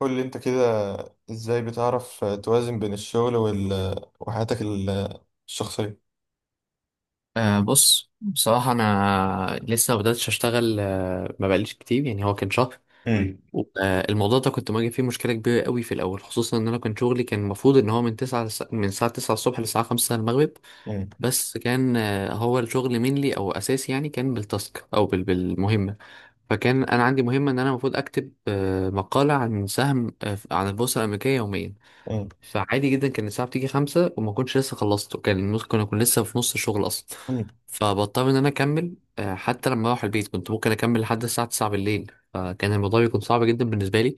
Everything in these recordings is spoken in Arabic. قول لي انت كده، ازاي بتعرف توازن بين الشغل وحياتك الشخصية؟ بص، بصراحة أنا لسه ما بدأتش أشتغل، ما بقاليش كتير، يعني هو كان شهر. مم. الموضوع ده كنت مواجه فيه مشكلة كبيرة قوي في الأول، خصوصا إن أنا كان شغلي كان المفروض إن هو من الساعة تسعة الصبح للساعة 5 المغرب. مم. بس كان هو الشغل مينلي أو أساسي، يعني كان بالتاسك بالمهمة. فكان أنا عندي مهمة إن أنا المفروض أكتب مقالة عن سهم، عن البورصة الأمريكية يوميا. مم. فعادي جدا كان الساعة بتيجي 5 وما كنتش لسه خلصته، كان ممكن أكون لسه في نص الشغل أصلا. مم. فبضطر إن أنا أكمل حتى لما أروح البيت كنت ممكن أكمل لحد الساعة 9 بالليل، فكان الموضوع بيكون صعب جدا بالنسبة لي.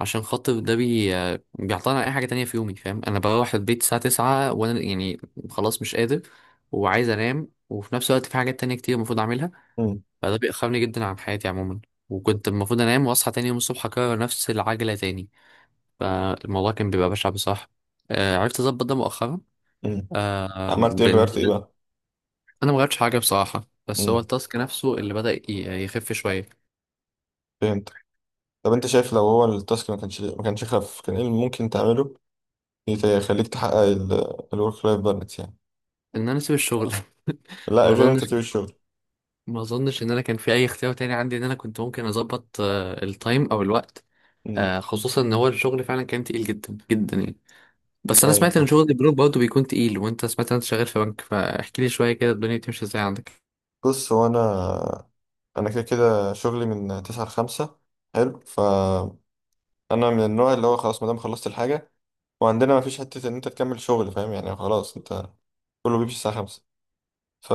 عشان خاطر ده بي آه، بيعطلني على أي حاجة تانية في يومي، فاهم؟ أنا بروح البيت الساعة 9 وأنا يعني خلاص مش قادر وعايز أنام، وفي نفس الوقت في حاجات تانية كتير المفروض أعملها. مم. فده بيأخرني جدا عن حياتي عموما، وكنت المفروض أنام وأصحى تاني يوم الصبح أكرر نفس العجلة تاني. فالموضوع كان بيبقى بشع بصراحة. عرفت أظبط ده مؤخرا مم. عملت ايه، بإن غيرت ايه بقى؟ أنا ما غيرتش حاجة بصراحة، بس هو مم. التاسك نفسه اللي بدأ يخف شوية. فهمت. طب انت شايف لو هو التاسك ما كانش خف، كان ايه اللي ممكن تعمله يخليك تحقق الورك لايف بالانس يعني؟ إن أنا أسيب الشغل؟ لا، ما غير انت أظنش. تسيب الشغل. ما أظنش إن أنا كان في أي اختيار تاني عندي، إن أنا كنت ممكن أظبط التايم أو الوقت. مم. خصوصا إن هو الشغل فعلا كان تقيل جدا جدا يعني. بس أنا ايوه سمعت إن فاهم. شغل البنوك برضه بيكون تقيل، وأنت سمعت إن أنت شغال في بنك، فاحكي لي شوية كده الدنيا بتمشي إزاي عندك. بص، هو انا كده كده شغلي من 9 ل 5. حلو، فانا من النوع اللي هو خلاص ما دام خلصت الحاجة، وعندنا ما فيش حتة إن أنت تكمل شغل، فاهم يعني؟ خلاص أنت كله بيمشي الساعة 5. ف...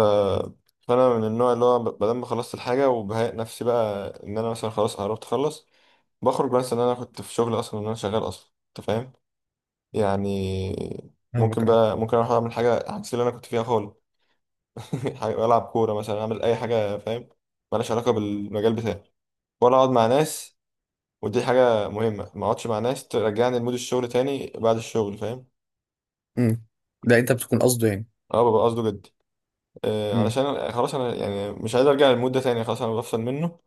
فأنا من النوع اللي هو بدل ما خلصت الحاجة وبهيأ نفسي بقى إن أنا مثلا خلاص قربت أخلص، بخرج. بس إن أنا كنت في شغل أصلا، إن أنا شغال أصلا أنت فاهم يعني. ممكن فاهمك اه. بقى، ممكن أروح أعمل حاجة عكس اللي أنا كنت فيها خالص. ألعب كورة مثلا، أعمل أي حاجة فاهم، مالهاش علاقة بالمجال بتاعي، ولا أقعد مع ناس. ودي حاجة مهمة، ما أقعدش مع ناس ترجعني لمود الشغل تاني بعد الشغل فاهم. امم ده انت بتكون قصده يعني. أه، ببقى قصده جد. علشان خلاص انا يعني مش عايز ارجع للمود ده تاني، خلاص انا بفصل منه.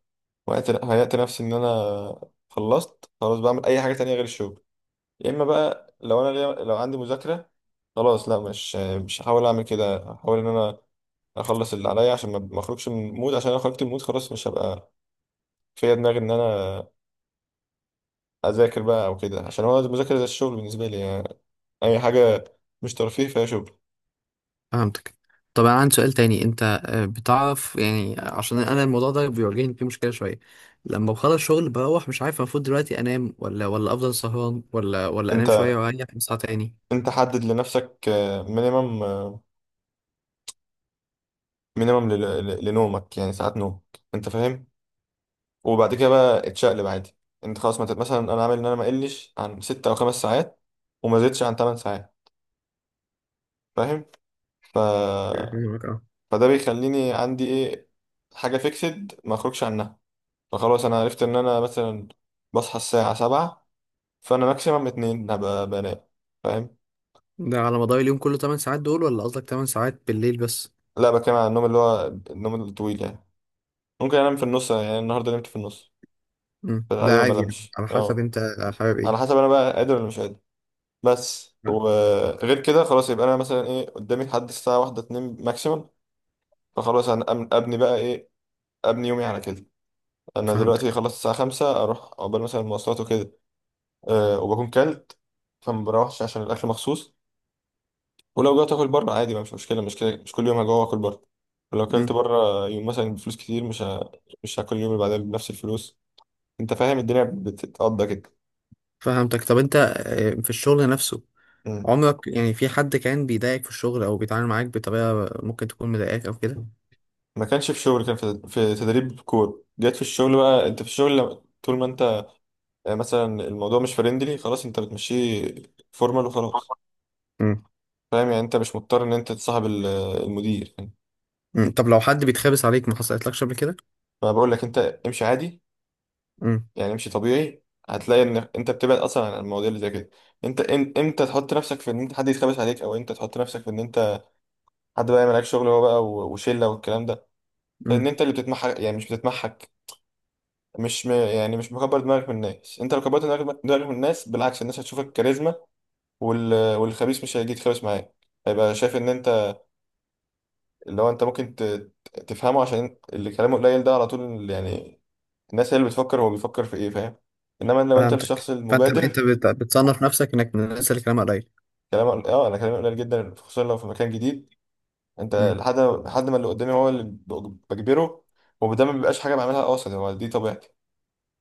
وهيأت نفسي ان انا خلصت، خلاص بعمل اي حاجه تانية غير الشغل. يا اما بقى لو لو عندي مذاكره، خلاص لا مش هحاول اعمل كده. هحاول ان انا اخلص اللي عليا عشان ما اخرجش من المود، عشان لو خرجت من المود خلاص مش هبقى فيا دماغي ان انا اذاكر بقى او كده، عشان هو المذاكره زي الشغل بالنسبه لي يعني. اي حاجه مش ترفيه فيها شغل. فهمتك. طب انا عندي سؤال تاني، انت بتعرف يعني، عشان انا الموضوع ده بيواجهني فيه مشكله شويه. لما بخلص شغل بروح مش عارف المفروض دلوقتي انام ولا افضل سهران ولا انت، انام شويه واريح اصحى تاني. حدد لنفسك مينيمم مينيمم لنومك يعني ساعات نوم انت فاهم. وبعد كده بقى اتشقلب عادي. انت خلاص ما تت- مثلا انا عامل ان انا ما اقلش عن 6 او 5 ساعات، وما زدتش عن 8 ساعات فاهم. ف... فاهمك اه. فده بيخليني عندي ايه، حاجه فيكسد ما اخرجش عنها. فخلاص انا عرفت ان انا مثلا بصحى الساعه 7، فانا ماكسيمم اتنين هبقى بنام فاهم. ده على مدار اليوم كله 8 ساعات دول ولا قصدك 8 ساعات بالليل بس؟ لا بتكلم على النوم اللي هو النوم الطويل يعني. ممكن انام في النص، يعني النهارده نمت في النص. مم. ده فالعادي ما عادي يعني، بنامش على حسب اه، انت حابب على ايه. حسب انا بقى قادر ولا مش قادر. بس لا. وغير كده، خلاص يبقى انا مثلا ايه قدامي لحد الساعه واحدة اتنين ماكسيمم. فخلاص انا ابني بقى ايه، ابني يومي على كده. انا فهمتك. دلوقتي خلصت الساعه 5، اروح عقبال مثلا المواصلات وكده. أه وبكون كلت، فما بروحش عشان الاكل مخصوص. ولو جوعت اكل بره عادي ما مش مشكله، مش كده. مش كل يوم هجوع واكل بره. ولو كلت مم. بره يوم مثلا بفلوس كتير مش هاكل اليوم اللي بعدها بنفس الفلوس، انت فاهم. الدنيا بتتقضى كده. فهمتك. طب انت في الشغل نفسه، مم. عمرك يعني في حد كان بيضايقك في الشغل او بيتعامل معاك بطريقه ممكن تكون مضايقاك او كده؟ ما كانش في شغل، كان في تدريب كور. جت في الشغل بقى، انت في الشغل طول ما انت يعني، مثلا الموضوع مش فريندلي خلاص، انت بتمشيه فورمال وخلاص فاهم يعني. انت مش مضطر ان انت تصاحب المدير يعني. مم. طب لو حد بيتخابس عليك ما حصلتلكش قبل كده؟ فانا بقول لك انت، امشي عادي، امم يعني امشي طبيعي. هتلاقي ان انت بتبعد اصلا عن المواضيع اللي زي كده. انت امتى تحط نفسك في ان انت حد يتخبس عليك، او انت تحط نفسك في ان انت حد بقى يعمل عليك شغل هو بقى، وشله والكلام ده. امم لان انت اللي بتتمحك. يعني مش بتتمحك، مش م... يعني مش مكبر دماغك من الناس. انت لو كبرت دماغك من الناس، بالعكس الناس هتشوفك كاريزما. والخبيث مش هيجي يتخبس معاك، هيبقى شايف ان انت اللي هو انت ممكن تفهمه، عشان اللي كلامه قليل ده على طول يعني. الناس هي اللي بتفكر هو بيفكر في ايه، فاهم. انما لو انت الشخص فهمتك. فانت انت المبادر. بتصنف نفسك انك من الناس اللي كلامها قليل؟ اه انا كلامي قليل جدا، خصوصا لو في مكان جديد. انت امم لحد ما اللي قدامي هو اللي بجبره. وده ما بيبقاش حاجه بعملها قاصد، هو دي طبيعتي.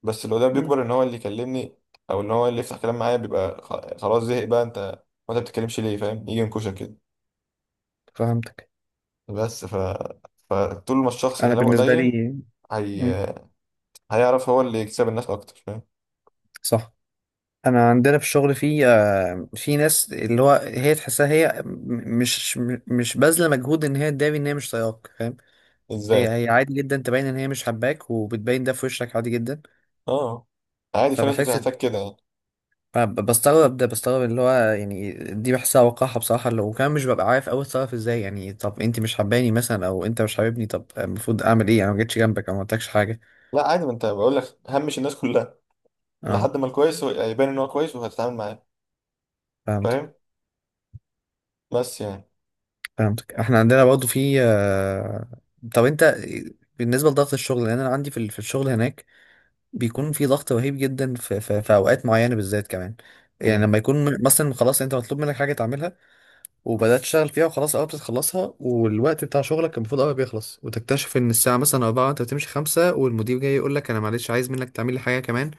بس اللي قدامي امم بيكبر ان هو اللي يكلمني، او ان هو اللي يفتح كلام معايا. بيبقى خلاص زهق بقى، انت وانت بتتكلمش ليه، فاهم. يجي ينكشك كده. فهمتك. بس فطول ما الشخص انا كلامه بالنسبه قليل، لي. امم هي... هيعرف هو اللي يكسب الناس اكتر فاهم. صح. انا عندنا في الشغل في في ناس، اللي هو هي تحسها هي مش باذله مجهود ان هي تداري ان هي مش طايقاك، فاهم؟ هي ازاي؟ هي عادي جدا تبين ان هي مش حباك، وبتبين ده في وشك عادي جدا. اه عادي، في ناس فبحس بتحتاج كده يعني. أنا بستغرب ده، بستغرب اللي هو يعني، دي بحسها وقاحة بصراحة، اللي وكمان مش ببقى عارف أوي أتصرف إزاي، يعني طب أنت مش حباني مثلا أو أنت مش حاببني، طب المفروض أعمل إيه؟ أنا ما جيتش جنبك أو ما قلتلكش حاجة. لا عادي، ما انت بقول لك همش الناس كلها. أه، لحد ما الكويس يبان ان هو كويس، وهتتعامل معاه فهمتك. فاهم. بس يعني. إحنا عندنا برضه في طب أنت بالنسبة لضغط الشغل، لأن أنا عندي في في الشغل هناك بيكون في ضغط رهيب جدا في أوقات معينة بالذات كمان، يعني مم. لما يكون مثلا خلاص أنت مطلوب منك حاجة تعملها، وبدات تشتغل فيها وخلاص اه بتخلصها، والوقت بتاع شغلك كان المفروض قوي بيخلص، وتكتشف ان الساعه مثلا 4، انت بتمشي 5، والمدير جاي يقول لك انا معلش عايز منك تعمل لي حاجه كمان.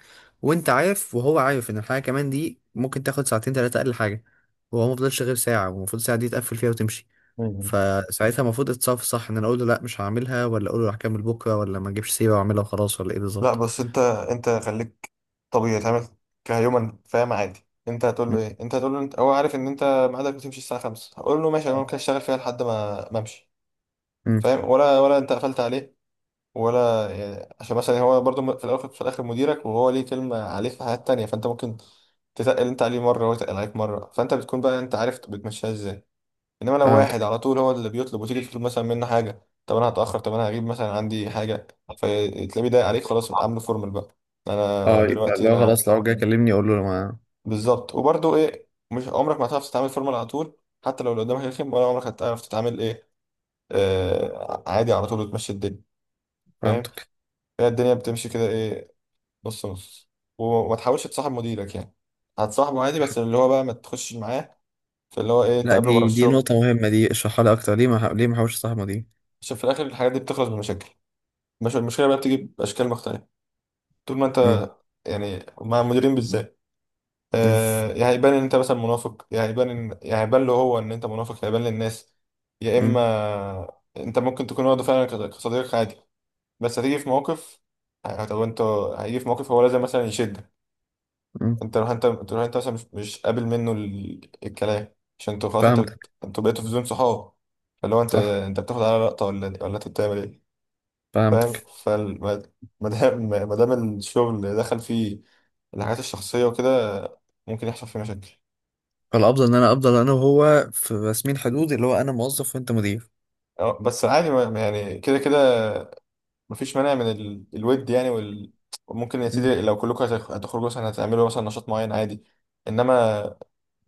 وانت عارف وهو عارف ان الحاجه كمان دي ممكن تاخد ساعتين ثلاثه اقل حاجه، وهو ما فضلش غير ساعه، والمفروض الساعه دي تقفل فيها وتمشي. مم. فساعتها المفروض اتصرف صح؟ ان انا اقول له لا مش هعملها، ولا اقول له هكمل بكره، ولا ما اجيبش سيره واعملها وخلاص، ولا ايه لا بالظبط؟ بس انت، خليك طبيعي تعمل كهيومن فاهم. عادي انت هتقول له م- ايه، انت هتقول له انت، هو عارف ان انت ميعادك بتمشي الساعه 5. هقول له ماشي انا ممكن اشتغل فيها لحد ما امشي م- فاهم، ولا انت قفلت عليه، ولا يعني عشان مثلا هو برضو في الاول في الاخر مديرك، وهو ليه كلمه عليه في حاجات تانية. فانت ممكن تتقل انت عليه مره وهو يتقل عليك مره، فانت بتكون بقى انت عارف بتمشيها ازاي. انما لو واحد فهمتك. على طول هو اللي بيطلب، وتيجي تطلب مثلا منه حاجه، طب انا هتاخر، طب انا هجيب مثلا عندي حاجه، فتلاقيه ضايق عليك. خلاص عامله فورمال بقى. انا اه، يبقى دلوقتي لو انا خلاص لو جاي كلمني اقول له ما. بالظبط. وبرضو ايه، مش عمرك ما هتعرف تتعامل فورمال على طول. حتى لو اللي قدامك رخم، ولا عمرك هتعرف تتعامل ايه. عادي على طول، وتمشي الدنيا فهمت. فاهم. هي الدنيا بتمشي كده ايه، نص نص. وما تحاولش تصاحب مديرك يعني. هتصاحبه عادي بس اللي هو بقى ما تخشش معاه في اللي هو ايه، لا، تقابله بره دي الشغل. نقطة مهمة دي، اشرحها لي أكتر، ليه ما حاولش صاحبه دي؟ عشان في الاخر الحاجات دي بتخلص بمشاكل. مش المشكله بقى بتيجي باشكال مختلفه، طول ما مم. انت يعني مع المديرين بالذات. مم. يا هيبان ان انت مثلا منافق، يا هيبان له هو ان انت منافق، يا هيبان للناس. يا مم. اما انت ممكن تكون واخده فعلا كصديق عادي. بس هتيجي في موقف، طب انت هيجي في موقف هو لازم مثلا يشدك. مم. انت لو انت، مثلا مش قابل منه الكلام، عشان انتوا خلاص فهمتك. انتوا بقيتوا في زون صحاب. فاللي هو انت صح. انت بتاخد على لقطه، ولا انت بتعمل ايه، فاهم. فهمتك. ما دام، ما دام الشغل دخل فيه الحاجات الشخصيه وكده، ممكن يحصل فيه مشاكل. فالأفضل إن أنا أفضل أنا وهو في رسمين حدود، اللي هو أنا موظف وأنت مدير. اه، بس عادي ما يعني كده كده. مفيش مانع من الود يعني وممكن يا مم. سيدي لو كلكم هتخرجوا مثلا، هتعملوا مثلا نشاط معين عادي. انما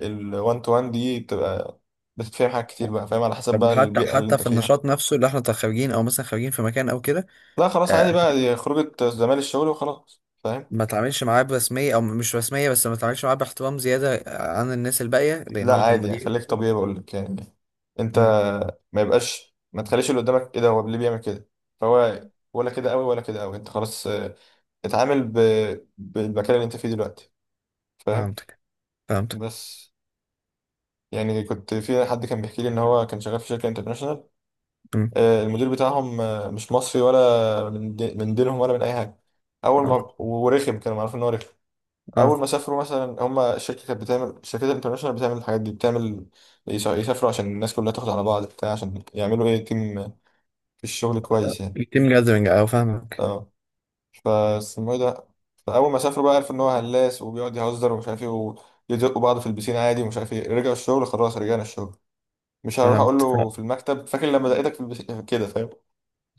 الوان تو وان دي بتبقى، بتتفهم حاجات كتير بقى فاهم، على حسب طب بقى وحتى البيئة اللي حتى انت في فيها. النشاط نفسه اللي احنا خارجين او مثلا خارجين في مكان او كده؟ لا خلاص، آه. عادي بقى، دي خروجة زمال الشغل وخلاص فاهم. ما تعاملش معاه برسميه او مش رسميه، بس ما تعاملش معاه باحترام زياده عن الناس الباقيه لان لا هو كان عادي يعني، مدير. خليك طبيعي بقول لك يعني. انت مم. ما تخليش اللي قدامك ايه ده، هو ليه بيعمل كده. فهو ولا كده قوي ولا كده قوي، انت خلاص، اتعامل بالمكان اللي انت فيه دلوقتي فاهم. فهمتك. فهمتك. بس يعني، كنت في حد كان بيحكي لي ان هو كان شغال في شركة انترناشونال. مم. المدير بتاعهم مش مصري، ولا من من دينهم، ولا من اي حاجه. اول اه. ما ورخم، كانوا عارفين ان هو رخم. اه، اول ما سافروا مثلا، هم الشركه كانت بتعمل، الشركات الانترناشونال بتعمل الحاجات دي، بتعمل يسافروا عشان الناس كلها تاخد على بعض بتاع، عشان يعملوا ايه، تيم في الشغل كويس يعني. يتم جاذبنج او فاهمك. اه، فاسمه ايه ده. فاول ما سافروا بقى، عرفوا ان هو هلاس وبيقعد يهزر ومش عارف ايه، ويزقوا بعض في البسين عادي ومش عارف ايه. رجعوا الشغل، خلاص رجعنا الشغل. مش هروح اقول فهمت. له في المكتب، فاكر لما دقيتك في البسين كده فاهم.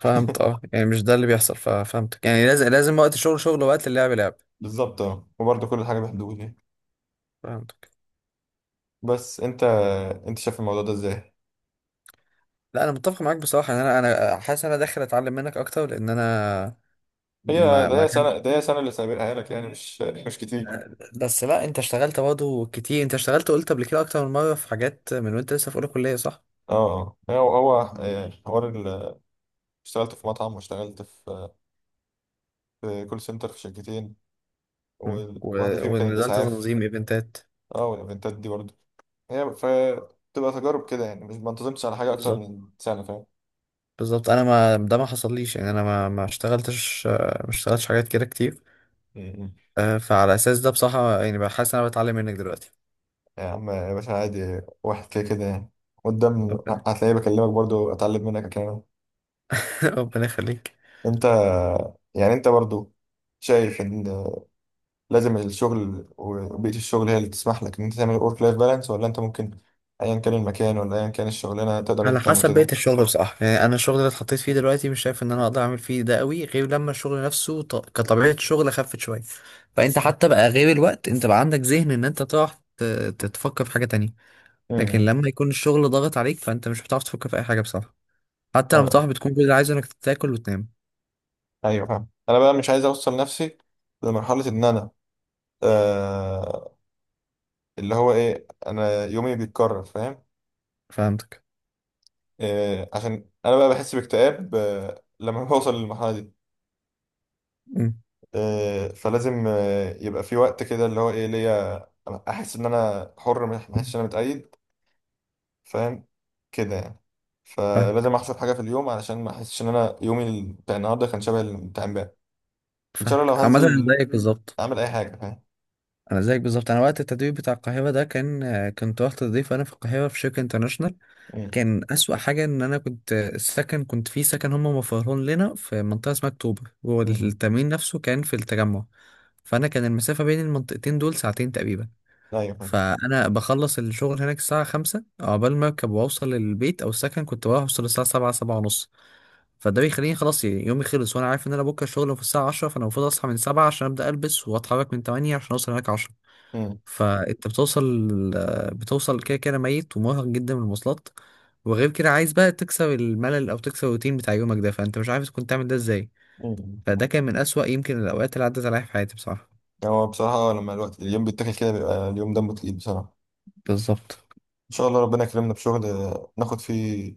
فهمت اه، يعني مش ده اللي بيحصل ففهمتك، يعني لازم لازم وقت الشغل شغل ووقت اللعب لعب. بالظبط اه، وبرضه كل حاجه بحدود يعني. فهمتك. بس انت، شايف الموضوع ده ازاي؟ لا انا متفق معاك بصراحه ان انا، انا حاسس ان انا داخل اتعلم منك اكتر لان انا هي ما ده ما هي سنه كانش ده هي سنه اللي سابقها لك يعني، مش كتير اه. بس لا انت اشتغلت برضه كتير، انت اشتغلت قلت قبل كده اكتر من مره في حاجات من وانت لسه في اولى كليه صح. اه، هو هو آه، حوار ال- اشتغلت في مطعم، واشتغلت في كول سنتر في شركتين، مم. وواحده فيهم كان ونزلت الاسعاف. تنظيم ايفنتات. اه والايفنتات دي برضه هي ف تبقى تجارب كده يعني، مش ما انتظمتش على حاجه اكتر بالظبط. من سنه فاهم. انا ما ده ما حصليش يعني، انا ما اشتغلتش حاجات كده كتير. م-م. فعلى اساس ده بصراحه يعني بحس ان انا بتعلم منك دلوقتي. يا عم يا باشا، عادي واحد كده كده يعني. قدام ربنا. هتلاقيه بكلمك برضه، اتعلم منك الكلام. ربنا يخليك. انت يعني، انت برضه شايف ان لازم الشغل وبيئة الشغل هي اللي تسمح لك ان انت تعمل ورك لايف بالانس، ولا انت ممكن ايا كان المكان ولا ايا كان الشغلانة تقدر انت على تعمل حسب كده؟ بيئة الشغل بصراحة، يعني أنا الشغل اللي اتحطيت فيه دلوقتي مش شايف إن أنا أقدر أعمل فيه ده قوي، غير لما الشغل نفسه كطبيعة شغل خفت شوية، فأنت حتى بقى غير الوقت أنت بقى عندك ذهن إن أنت تقعد ت... تتفكر في حاجة تانية. لكن امم لما يكون الشغل ضاغط عليك فأنت مش بتعرف تفكر في أي حاجة بصراحة، حتى لما أنا- بتروح بتكون كل اللي عايزه إنك تاكل وتنام. ايوه فاهم. انا بقى مش عايز اوصل نفسي لمرحلة ان انا، آه اللي هو ايه انا يومي بيتكرر فاهم. فهمتك. عشان انا بقى بحس باكتئاب لما بوصل للمرحلة دي. أمم. فلازم يبقى في وقت كده اللي هو ايه ليا، احس ان انا حر، ما احسش ان انا متقيد فاهم كده يعني. فلازم فاهمك. احسب حاجه في اليوم، علشان ما احسش ان انا يومي بتاع النهارده كان شبه اللي بتاع امبارح. ان شاء الله لو فاهمك، عامة أنا هنزل زيك بالظبط. اعمل اي حاجه فاهم. أنا زيك بالظبط، أنا وقت التدريب بتاع القاهرة ده كان، كنت رحت تضيف أنا في القاهرة في شركة انترناشونال. مم. كان أسوأ حاجة إن أنا كنت السكن كنت في سكن هم موفرهولنا لنا في منطقة اسمها أكتوبر، مم. والتمرين نفسه كان في التجمع، فأنا كان المسافة بين المنطقتين دول ساعتين تقريبا. ايوه فاهم. فأنا بخلص الشغل هناك الساعة 5 عقبال ما أركب وأوصل للبيت أو السكن، كنت بروح أوصل الساعة 7 7:30. فده بيخليني خلاص يعني يومي خلص، وأنا عارف إن أنا بكرة الشغل في الساعة 10، فأنا المفروض أصحى من 7 عشان أبدأ ألبس وأتحرك من 8 عشان أوصل هناك 10. مم. فانت بتوصل كده كده ميت ومرهق جدا من المواصلات، وغير كده عايز بقى تكسر الملل او تكسر الروتين بتاع يومك ده، فانت مش عارف كنت تعمل ده ازاي. مم. فده كان من اسوأ يمكن الاوقات اللي عدت عليا في حياتي بصراحة. هو بصراحه لما الوقت اليوم بيتاكل كده، بيبقى اليوم دمه تقيل بصراحه. بالظبط. ان شاء الله ربنا يكرمنا بشغل ناخد فيه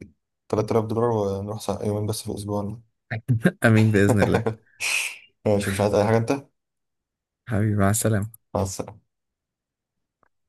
3000 دولار، ونروح يومين بس في الاسبوع. امين باذن الله. ماشي مش عايز اي حاجه انت. حبيبي، مع السلامة. مع السلامه.